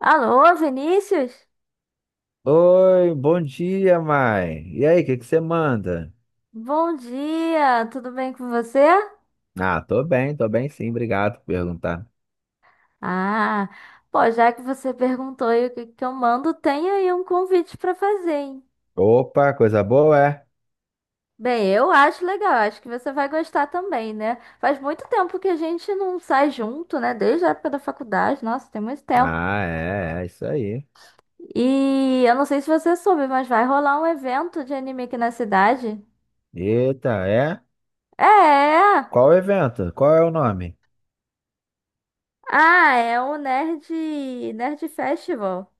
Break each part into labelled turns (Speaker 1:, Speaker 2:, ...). Speaker 1: Alô, Vinícius?
Speaker 2: Oi, bom dia, mãe. E aí, o que que você manda?
Speaker 1: Bom dia, tudo bem com você?
Speaker 2: Ah, tô bem sim, obrigado por perguntar.
Speaker 1: Ah, pô, já que você perguntou aí o que que eu mando, tem aí um convite pra fazer, hein?
Speaker 2: Opa, coisa boa, é?
Speaker 1: Bem, eu acho legal, acho que você vai gostar também, né? Faz muito tempo que a gente não sai junto, né? Desde a época da faculdade, nossa, tem muito tempo.
Speaker 2: Ah, é, é isso aí.
Speaker 1: E eu não sei se você soube, mas vai rolar um evento de anime aqui na cidade.
Speaker 2: Eita, é?
Speaker 1: É!
Speaker 2: Qual o evento? Qual é o nome?
Speaker 1: Ah, é o Nerd Festival.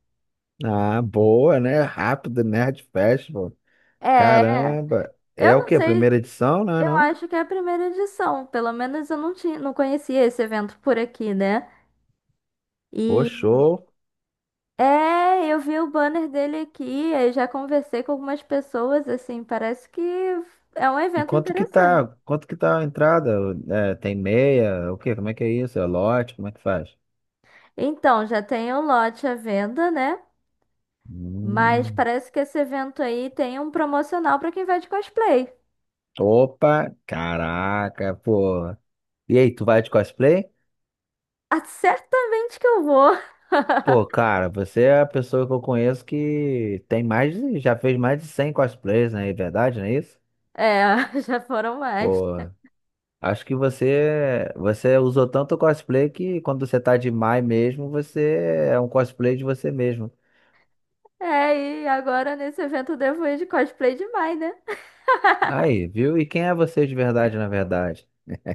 Speaker 2: Ah, boa, né? Rápido Nerd Festival.
Speaker 1: É,
Speaker 2: Caramba. É
Speaker 1: eu
Speaker 2: o
Speaker 1: não
Speaker 2: quê?
Speaker 1: sei.
Speaker 2: Primeira edição, né?
Speaker 1: Eu
Speaker 2: Não?
Speaker 1: acho que é a primeira edição. Pelo menos eu não tinha, não conhecia esse evento por aqui, né?
Speaker 2: Pô,
Speaker 1: E
Speaker 2: show.
Speaker 1: é, eu vi o banner dele aqui, aí já conversei com algumas pessoas, assim, parece que é um
Speaker 2: E
Speaker 1: evento
Speaker 2: quanto que
Speaker 1: interessante.
Speaker 2: tá? Quanto que tá a entrada? É, tem meia? O quê? Como é que é isso? É lote? Como é que faz?
Speaker 1: Então, já tem o lote à venda, né? Mas
Speaker 2: Hum.
Speaker 1: parece que esse evento aí tem um promocional para quem vai de cosplay.
Speaker 2: Opa, caraca, pô. E aí, tu vai de cosplay?
Speaker 1: Ah, certamente que eu vou.
Speaker 2: Pô, cara, você é a pessoa que eu conheço que tem mais de, já fez mais de 100 cosplays, né? É verdade, não é isso?
Speaker 1: É, já foram mais.
Speaker 2: Pô, acho que você usou tanto cosplay que quando você tá de Mai mesmo, você é um cosplay de você mesmo.
Speaker 1: É, e agora nesse evento eu devo ir de cosplay de Mai, né?
Speaker 2: Aí, viu? E quem é você de verdade, na verdade?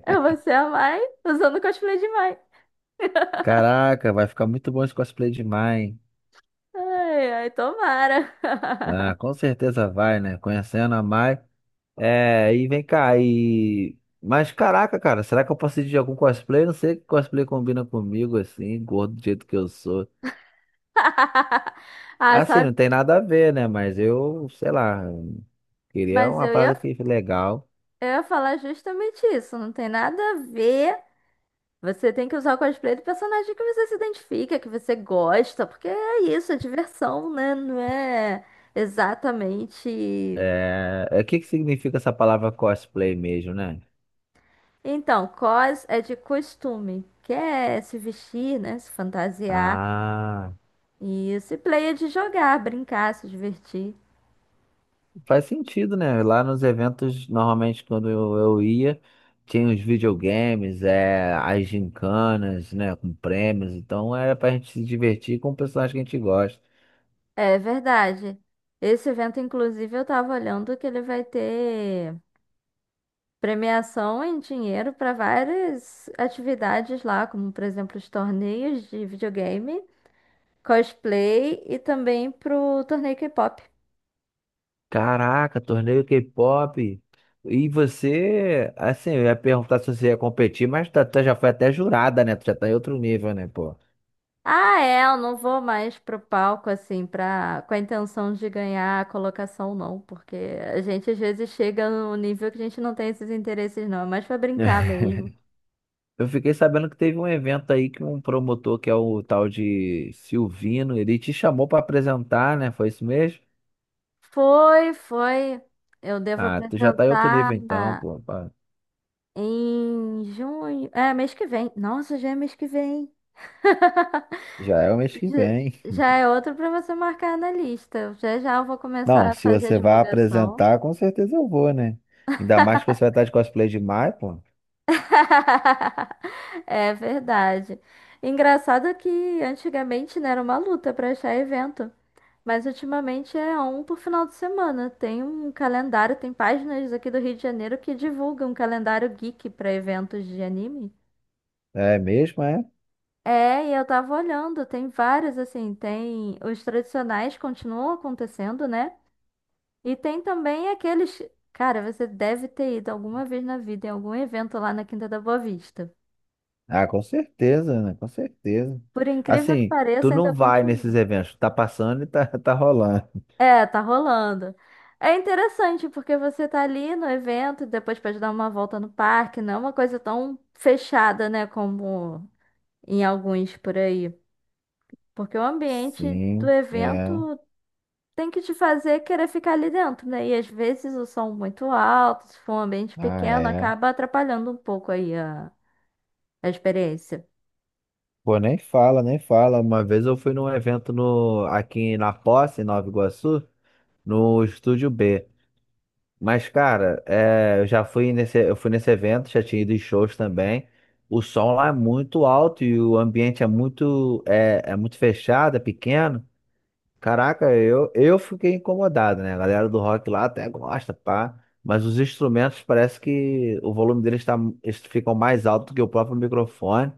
Speaker 1: Eu vou ser a Mai usando o cosplay de Mai.
Speaker 2: Caraca, vai ficar muito bom esse cosplay de Mai, hein?
Speaker 1: Ai, ai, tomara.
Speaker 2: Ah, com certeza vai, né? Conhecendo a Mai. É, e vem cá, e. Mas caraca, cara, será que eu posso ir de algum cosplay? Não sei que cosplay combina comigo, assim, gordo do jeito que eu sou.
Speaker 1: Ah,
Speaker 2: Assim,
Speaker 1: sabe?
Speaker 2: não tem nada a ver, né? Mas eu, sei lá, queria
Speaker 1: Mas
Speaker 2: uma
Speaker 1: eu ia,
Speaker 2: parada que legal.
Speaker 1: eu ia falar justamente isso. Não tem nada a ver. Você tem que usar o cosplay do personagem que você se identifica, que você gosta, porque é isso, é diversão, né? Não é exatamente.
Speaker 2: É, é, o que que significa essa palavra cosplay mesmo, né?
Speaker 1: Então, cos é de costume, que é se vestir, né? Se fantasiar.
Speaker 2: Ah.
Speaker 1: E se play é de jogar, brincar, se divertir.
Speaker 2: Faz sentido, né? Lá nos eventos, normalmente quando eu ia, tinha os videogames, é, as gincanas, né? Com prêmios. Então era pra gente se divertir com o personagem que a gente gosta.
Speaker 1: É verdade. Esse evento, inclusive, eu estava olhando que ele vai ter premiação em dinheiro para várias atividades lá, como, por exemplo, os torneios de videogame, cosplay e também pro torneio K-pop.
Speaker 2: Caraca, torneio K-pop. E você, assim, eu ia perguntar se você ia competir, mas tu, tu já foi até jurada, né? Tu já tá em outro nível, né, pô?
Speaker 1: Ah, é, eu não vou mais pro palco assim para com a intenção de ganhar a colocação não, porque a gente às vezes chega num nível que a gente não tem esses interesses não, é mais para brincar mesmo.
Speaker 2: Eu fiquei sabendo que teve um evento aí que um promotor, que é o tal de Silvino, ele te chamou pra apresentar, né? Foi isso mesmo?
Speaker 1: Foi, foi. Eu devo
Speaker 2: Ah, tu já tá em outro
Speaker 1: apresentar
Speaker 2: nível então, pô, pá.
Speaker 1: em junho. É, mês que vem. Nossa, já é mês que vem.
Speaker 2: Já é o mês que
Speaker 1: Já
Speaker 2: vem.
Speaker 1: já é outro para você marcar na lista. Já já eu vou
Speaker 2: Não,
Speaker 1: começar a
Speaker 2: se
Speaker 1: fazer a
Speaker 2: você vai
Speaker 1: divulgação.
Speaker 2: apresentar, com certeza eu vou, né? Ainda mais que você vai estar de cosplay de Mai, pô.
Speaker 1: É verdade. Engraçado que antigamente, né, era uma luta para achar evento. Mas ultimamente é um por final de semana. Tem um calendário, tem páginas aqui do Rio de Janeiro que divulgam um calendário geek para eventos de anime.
Speaker 2: É mesmo, é?
Speaker 1: É, e eu tava olhando, tem vários assim, tem os tradicionais continuam acontecendo, né? E tem também aqueles, cara, você deve ter ido alguma vez na vida em algum evento lá na Quinta da Boa Vista.
Speaker 2: Ah, com certeza, né? Com certeza.
Speaker 1: Por incrível que
Speaker 2: Assim, tu
Speaker 1: pareça,
Speaker 2: não
Speaker 1: ainda
Speaker 2: vai nesses
Speaker 1: continua.
Speaker 2: eventos, tá passando e tá, tá rolando.
Speaker 1: É, tá rolando. É interessante porque você tá ali no evento, e depois pode dar uma volta no parque, não é uma coisa tão fechada, né, como em alguns por aí. Porque o ambiente do
Speaker 2: Sim, é.
Speaker 1: evento tem que te fazer querer ficar ali dentro, né? E às vezes o som muito alto, se for um ambiente
Speaker 2: Ah,
Speaker 1: pequeno,
Speaker 2: é.
Speaker 1: acaba atrapalhando um pouco aí a experiência.
Speaker 2: Pô, nem fala, nem fala. Uma vez eu fui num evento no, aqui na Posse, em Nova Iguaçu, no Estúdio B. Mas, cara, é, eu já fui nesse, eu fui nesse evento, já tinha ido em shows também. O som lá é muito alto e o ambiente é muito, é, é muito fechado, é pequeno. Caraca, eu fiquei incomodado, né? A galera do rock lá até gosta, pá. Mas os instrumentos parece que o volume deles tá, eles ficam mais alto que o próprio microfone.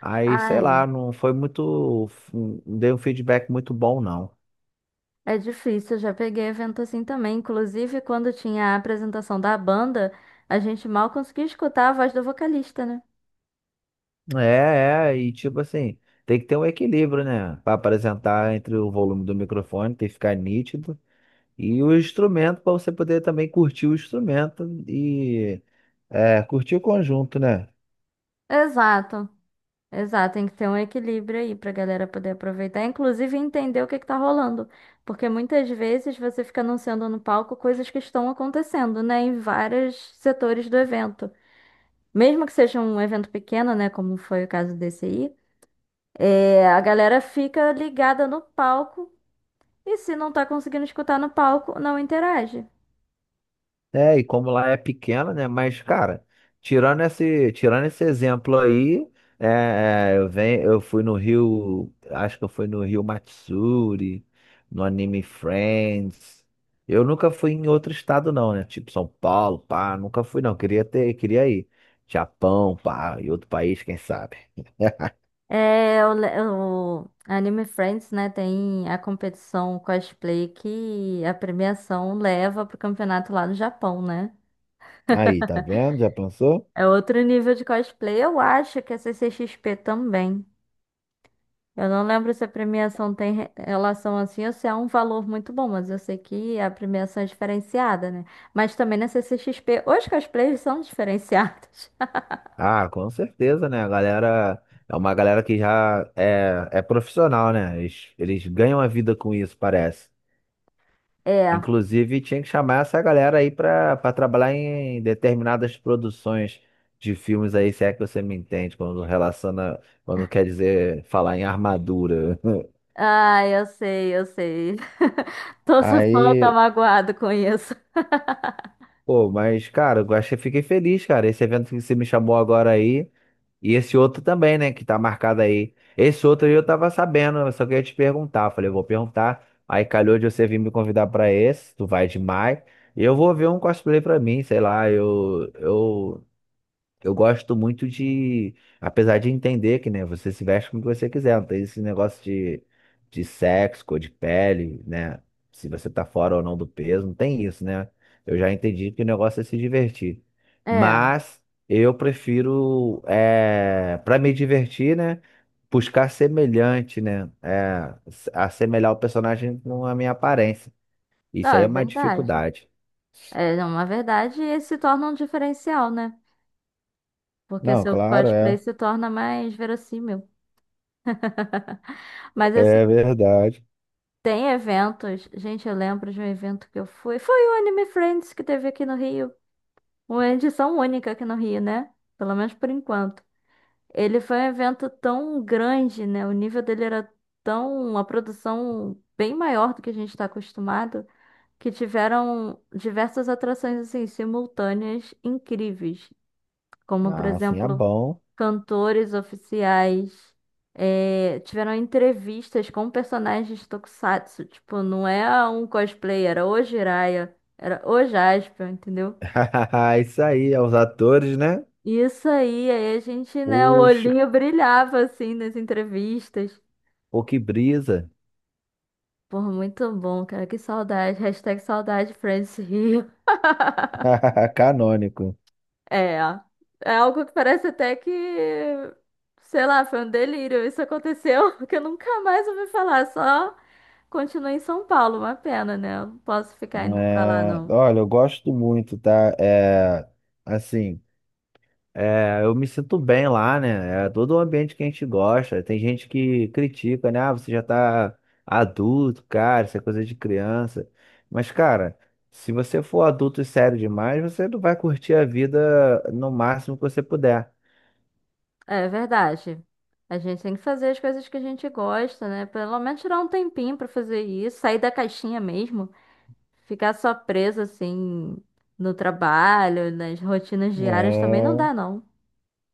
Speaker 2: Aí, sei
Speaker 1: Ah,
Speaker 2: lá, não foi muito. Não dei um feedback muito bom, não.
Speaker 1: é difícil, eu já peguei evento assim também. Inclusive, quando tinha a apresentação da banda, a gente mal conseguia escutar a voz do vocalista, né?
Speaker 2: É, é, e tipo assim, tem que ter um equilíbrio, né? Para apresentar entre o volume do microfone, tem que ficar nítido, e o instrumento, para você poder também curtir o instrumento e é, curtir o conjunto, né?
Speaker 1: Exato, exato. Tem que ter um equilíbrio aí pra galera poder aproveitar, inclusive entender o que que tá rolando. Porque muitas vezes você fica anunciando no palco coisas que estão acontecendo, né, em vários setores do evento. Mesmo que seja um evento pequeno, né, como foi o caso desse aí, é, a galera fica ligada no palco. E se não tá conseguindo escutar no palco, não interage.
Speaker 2: É, e como lá é pequena, né? Mas, cara, tirando esse exemplo aí, é, é, eu, venho, eu fui no Rio, acho que eu fui no Rio Matsuri, no Anime Friends. Eu nunca fui em outro estado, não, né? Tipo São Paulo, pá, nunca fui, não. Queria ter, queria ir. Japão, pá, e outro país, quem sabe?
Speaker 1: É, o Anime Friends, né, tem a competição cosplay que a premiação leva pro campeonato lá no Japão, né?
Speaker 2: Aí, tá vendo? Já pensou?
Speaker 1: É outro nível de cosplay, eu acho que a CCXP também. Eu não lembro se a premiação tem relação assim ou se é um valor muito bom, mas eu sei que a premiação é diferenciada, né? Mas também na CCXP, os cosplayers são diferenciados.
Speaker 2: Ah, com certeza, né? A galera é uma galera que já é, é profissional, né? Eles ganham a vida com isso, parece.
Speaker 1: É.
Speaker 2: Inclusive, tinha que chamar essa galera aí pra, para trabalhar em determinadas produções de filmes aí, se é que você me entende, quando relaciona, quando quer dizer falar em armadura.
Speaker 1: Ah, eu sei, eu sei. Tô só só tô
Speaker 2: Aí,
Speaker 1: magoado com isso.
Speaker 2: pô, mas, cara, eu achei, fiquei feliz, cara. Esse evento que você me chamou agora aí. E esse outro também, né, que tá marcado aí. Esse outro aí eu tava sabendo, eu só queria te perguntar. Falei, eu vou perguntar. Aí calhou de você vir me convidar pra esse, tu vai demais. E eu vou ver um cosplay pra mim, sei lá, eu gosto muito de, apesar de entender que, né, você se veste como você quiser, não tem esse negócio de sexo, cor de pele, né? Se você tá fora ou não do peso, não tem isso, né? Eu já entendi que o negócio é se divertir.
Speaker 1: É,
Speaker 2: Mas eu prefiro, é, para me divertir, né? Buscar semelhante, né? É, s- assemelhar o personagem com a minha aparência.
Speaker 1: não,
Speaker 2: Isso aí é
Speaker 1: é
Speaker 2: uma
Speaker 1: verdade.
Speaker 2: dificuldade.
Speaker 1: É é uma verdade e se torna um diferencial, né? Porque
Speaker 2: Não,
Speaker 1: seu
Speaker 2: claro,
Speaker 1: cosplay
Speaker 2: é.
Speaker 1: se torna mais verossímil. Mas assim,
Speaker 2: É verdade.
Speaker 1: tem eventos. Gente, eu lembro de um evento que eu fui. Foi o Anime Friends que teve aqui no Rio. Uma edição única aqui no Rio, né? Pelo menos por enquanto. Ele foi um evento tão grande, né? O nível dele era tão, uma produção bem maior do que a gente está acostumado, que tiveram diversas atrações assim simultâneas incríveis, como por
Speaker 2: Ah, sim, é
Speaker 1: exemplo
Speaker 2: bom.
Speaker 1: cantores oficiais, tiveram entrevistas com personagens tokusatsu, tipo não é um cosplay, era o Jiraiya, era o Jaspion, entendeu?
Speaker 2: Isso aí, aos atores, né?
Speaker 1: Isso aí, aí a gente, né? O
Speaker 2: Poxa,
Speaker 1: olhinho brilhava assim nas entrevistas.
Speaker 2: pô, que brisa.
Speaker 1: Pô, muito bom, cara. Que saudade. Hashtag saudade Friends Rio.
Speaker 2: Canônico.
Speaker 1: É. É algo que parece até que, sei lá, foi um delírio. Isso aconteceu que eu nunca mais ouvi falar. Só continuei em São Paulo. Uma pena, né? Eu não posso ficar indo pra lá,
Speaker 2: É,
Speaker 1: não.
Speaker 2: olha, eu gosto muito, tá? É, assim, é, eu me sinto bem lá, né? É todo o ambiente que a gente gosta. Tem gente que critica, né? Ah, você já tá adulto, cara, isso é coisa de criança. Mas, cara, se você for adulto e sério demais, você não vai curtir a vida no máximo que você puder.
Speaker 1: É verdade. A gente tem que fazer as coisas que a gente gosta, né? Pelo menos tirar um tempinho pra fazer isso. Sair da caixinha mesmo. Ficar só preso, assim, no trabalho, nas rotinas diárias também não
Speaker 2: É,
Speaker 1: dá, não.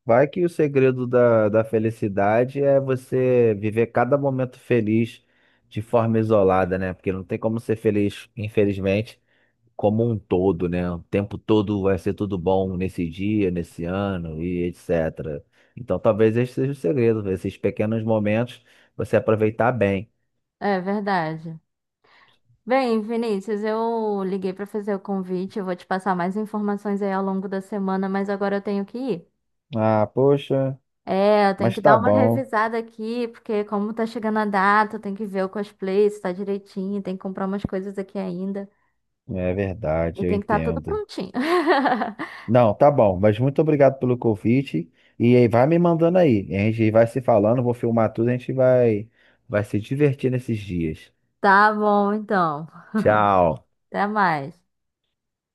Speaker 2: vai que o segredo da, da felicidade é você viver cada momento feliz de forma isolada, né? Porque não tem como ser feliz, infelizmente, como um todo, né? O tempo todo vai ser tudo bom nesse dia, nesse ano e etc. Então talvez esse seja o segredo, esses pequenos momentos você aproveitar bem.
Speaker 1: É verdade. Bem, Vinícius, eu liguei para fazer o convite, eu vou te passar mais informações aí ao longo da semana, mas agora eu tenho que ir.
Speaker 2: Ah, poxa,
Speaker 1: É, eu tenho
Speaker 2: mas
Speaker 1: que
Speaker 2: tá
Speaker 1: dar uma
Speaker 2: bom.
Speaker 1: revisada aqui, porque como tá chegando a data, eu tenho que ver o cosplay, se tá direitinho, tem que comprar umas coisas aqui ainda.
Speaker 2: É
Speaker 1: E
Speaker 2: verdade, eu
Speaker 1: tem que estar tudo
Speaker 2: entendo.
Speaker 1: prontinho.
Speaker 2: Não, tá bom, mas muito obrigado pelo convite. E aí, vai me mandando aí. A gente vai se falando, vou filmar tudo, a gente vai, vai se divertir nesses dias.
Speaker 1: Tá bom, então.
Speaker 2: Tchau.
Speaker 1: Até mais.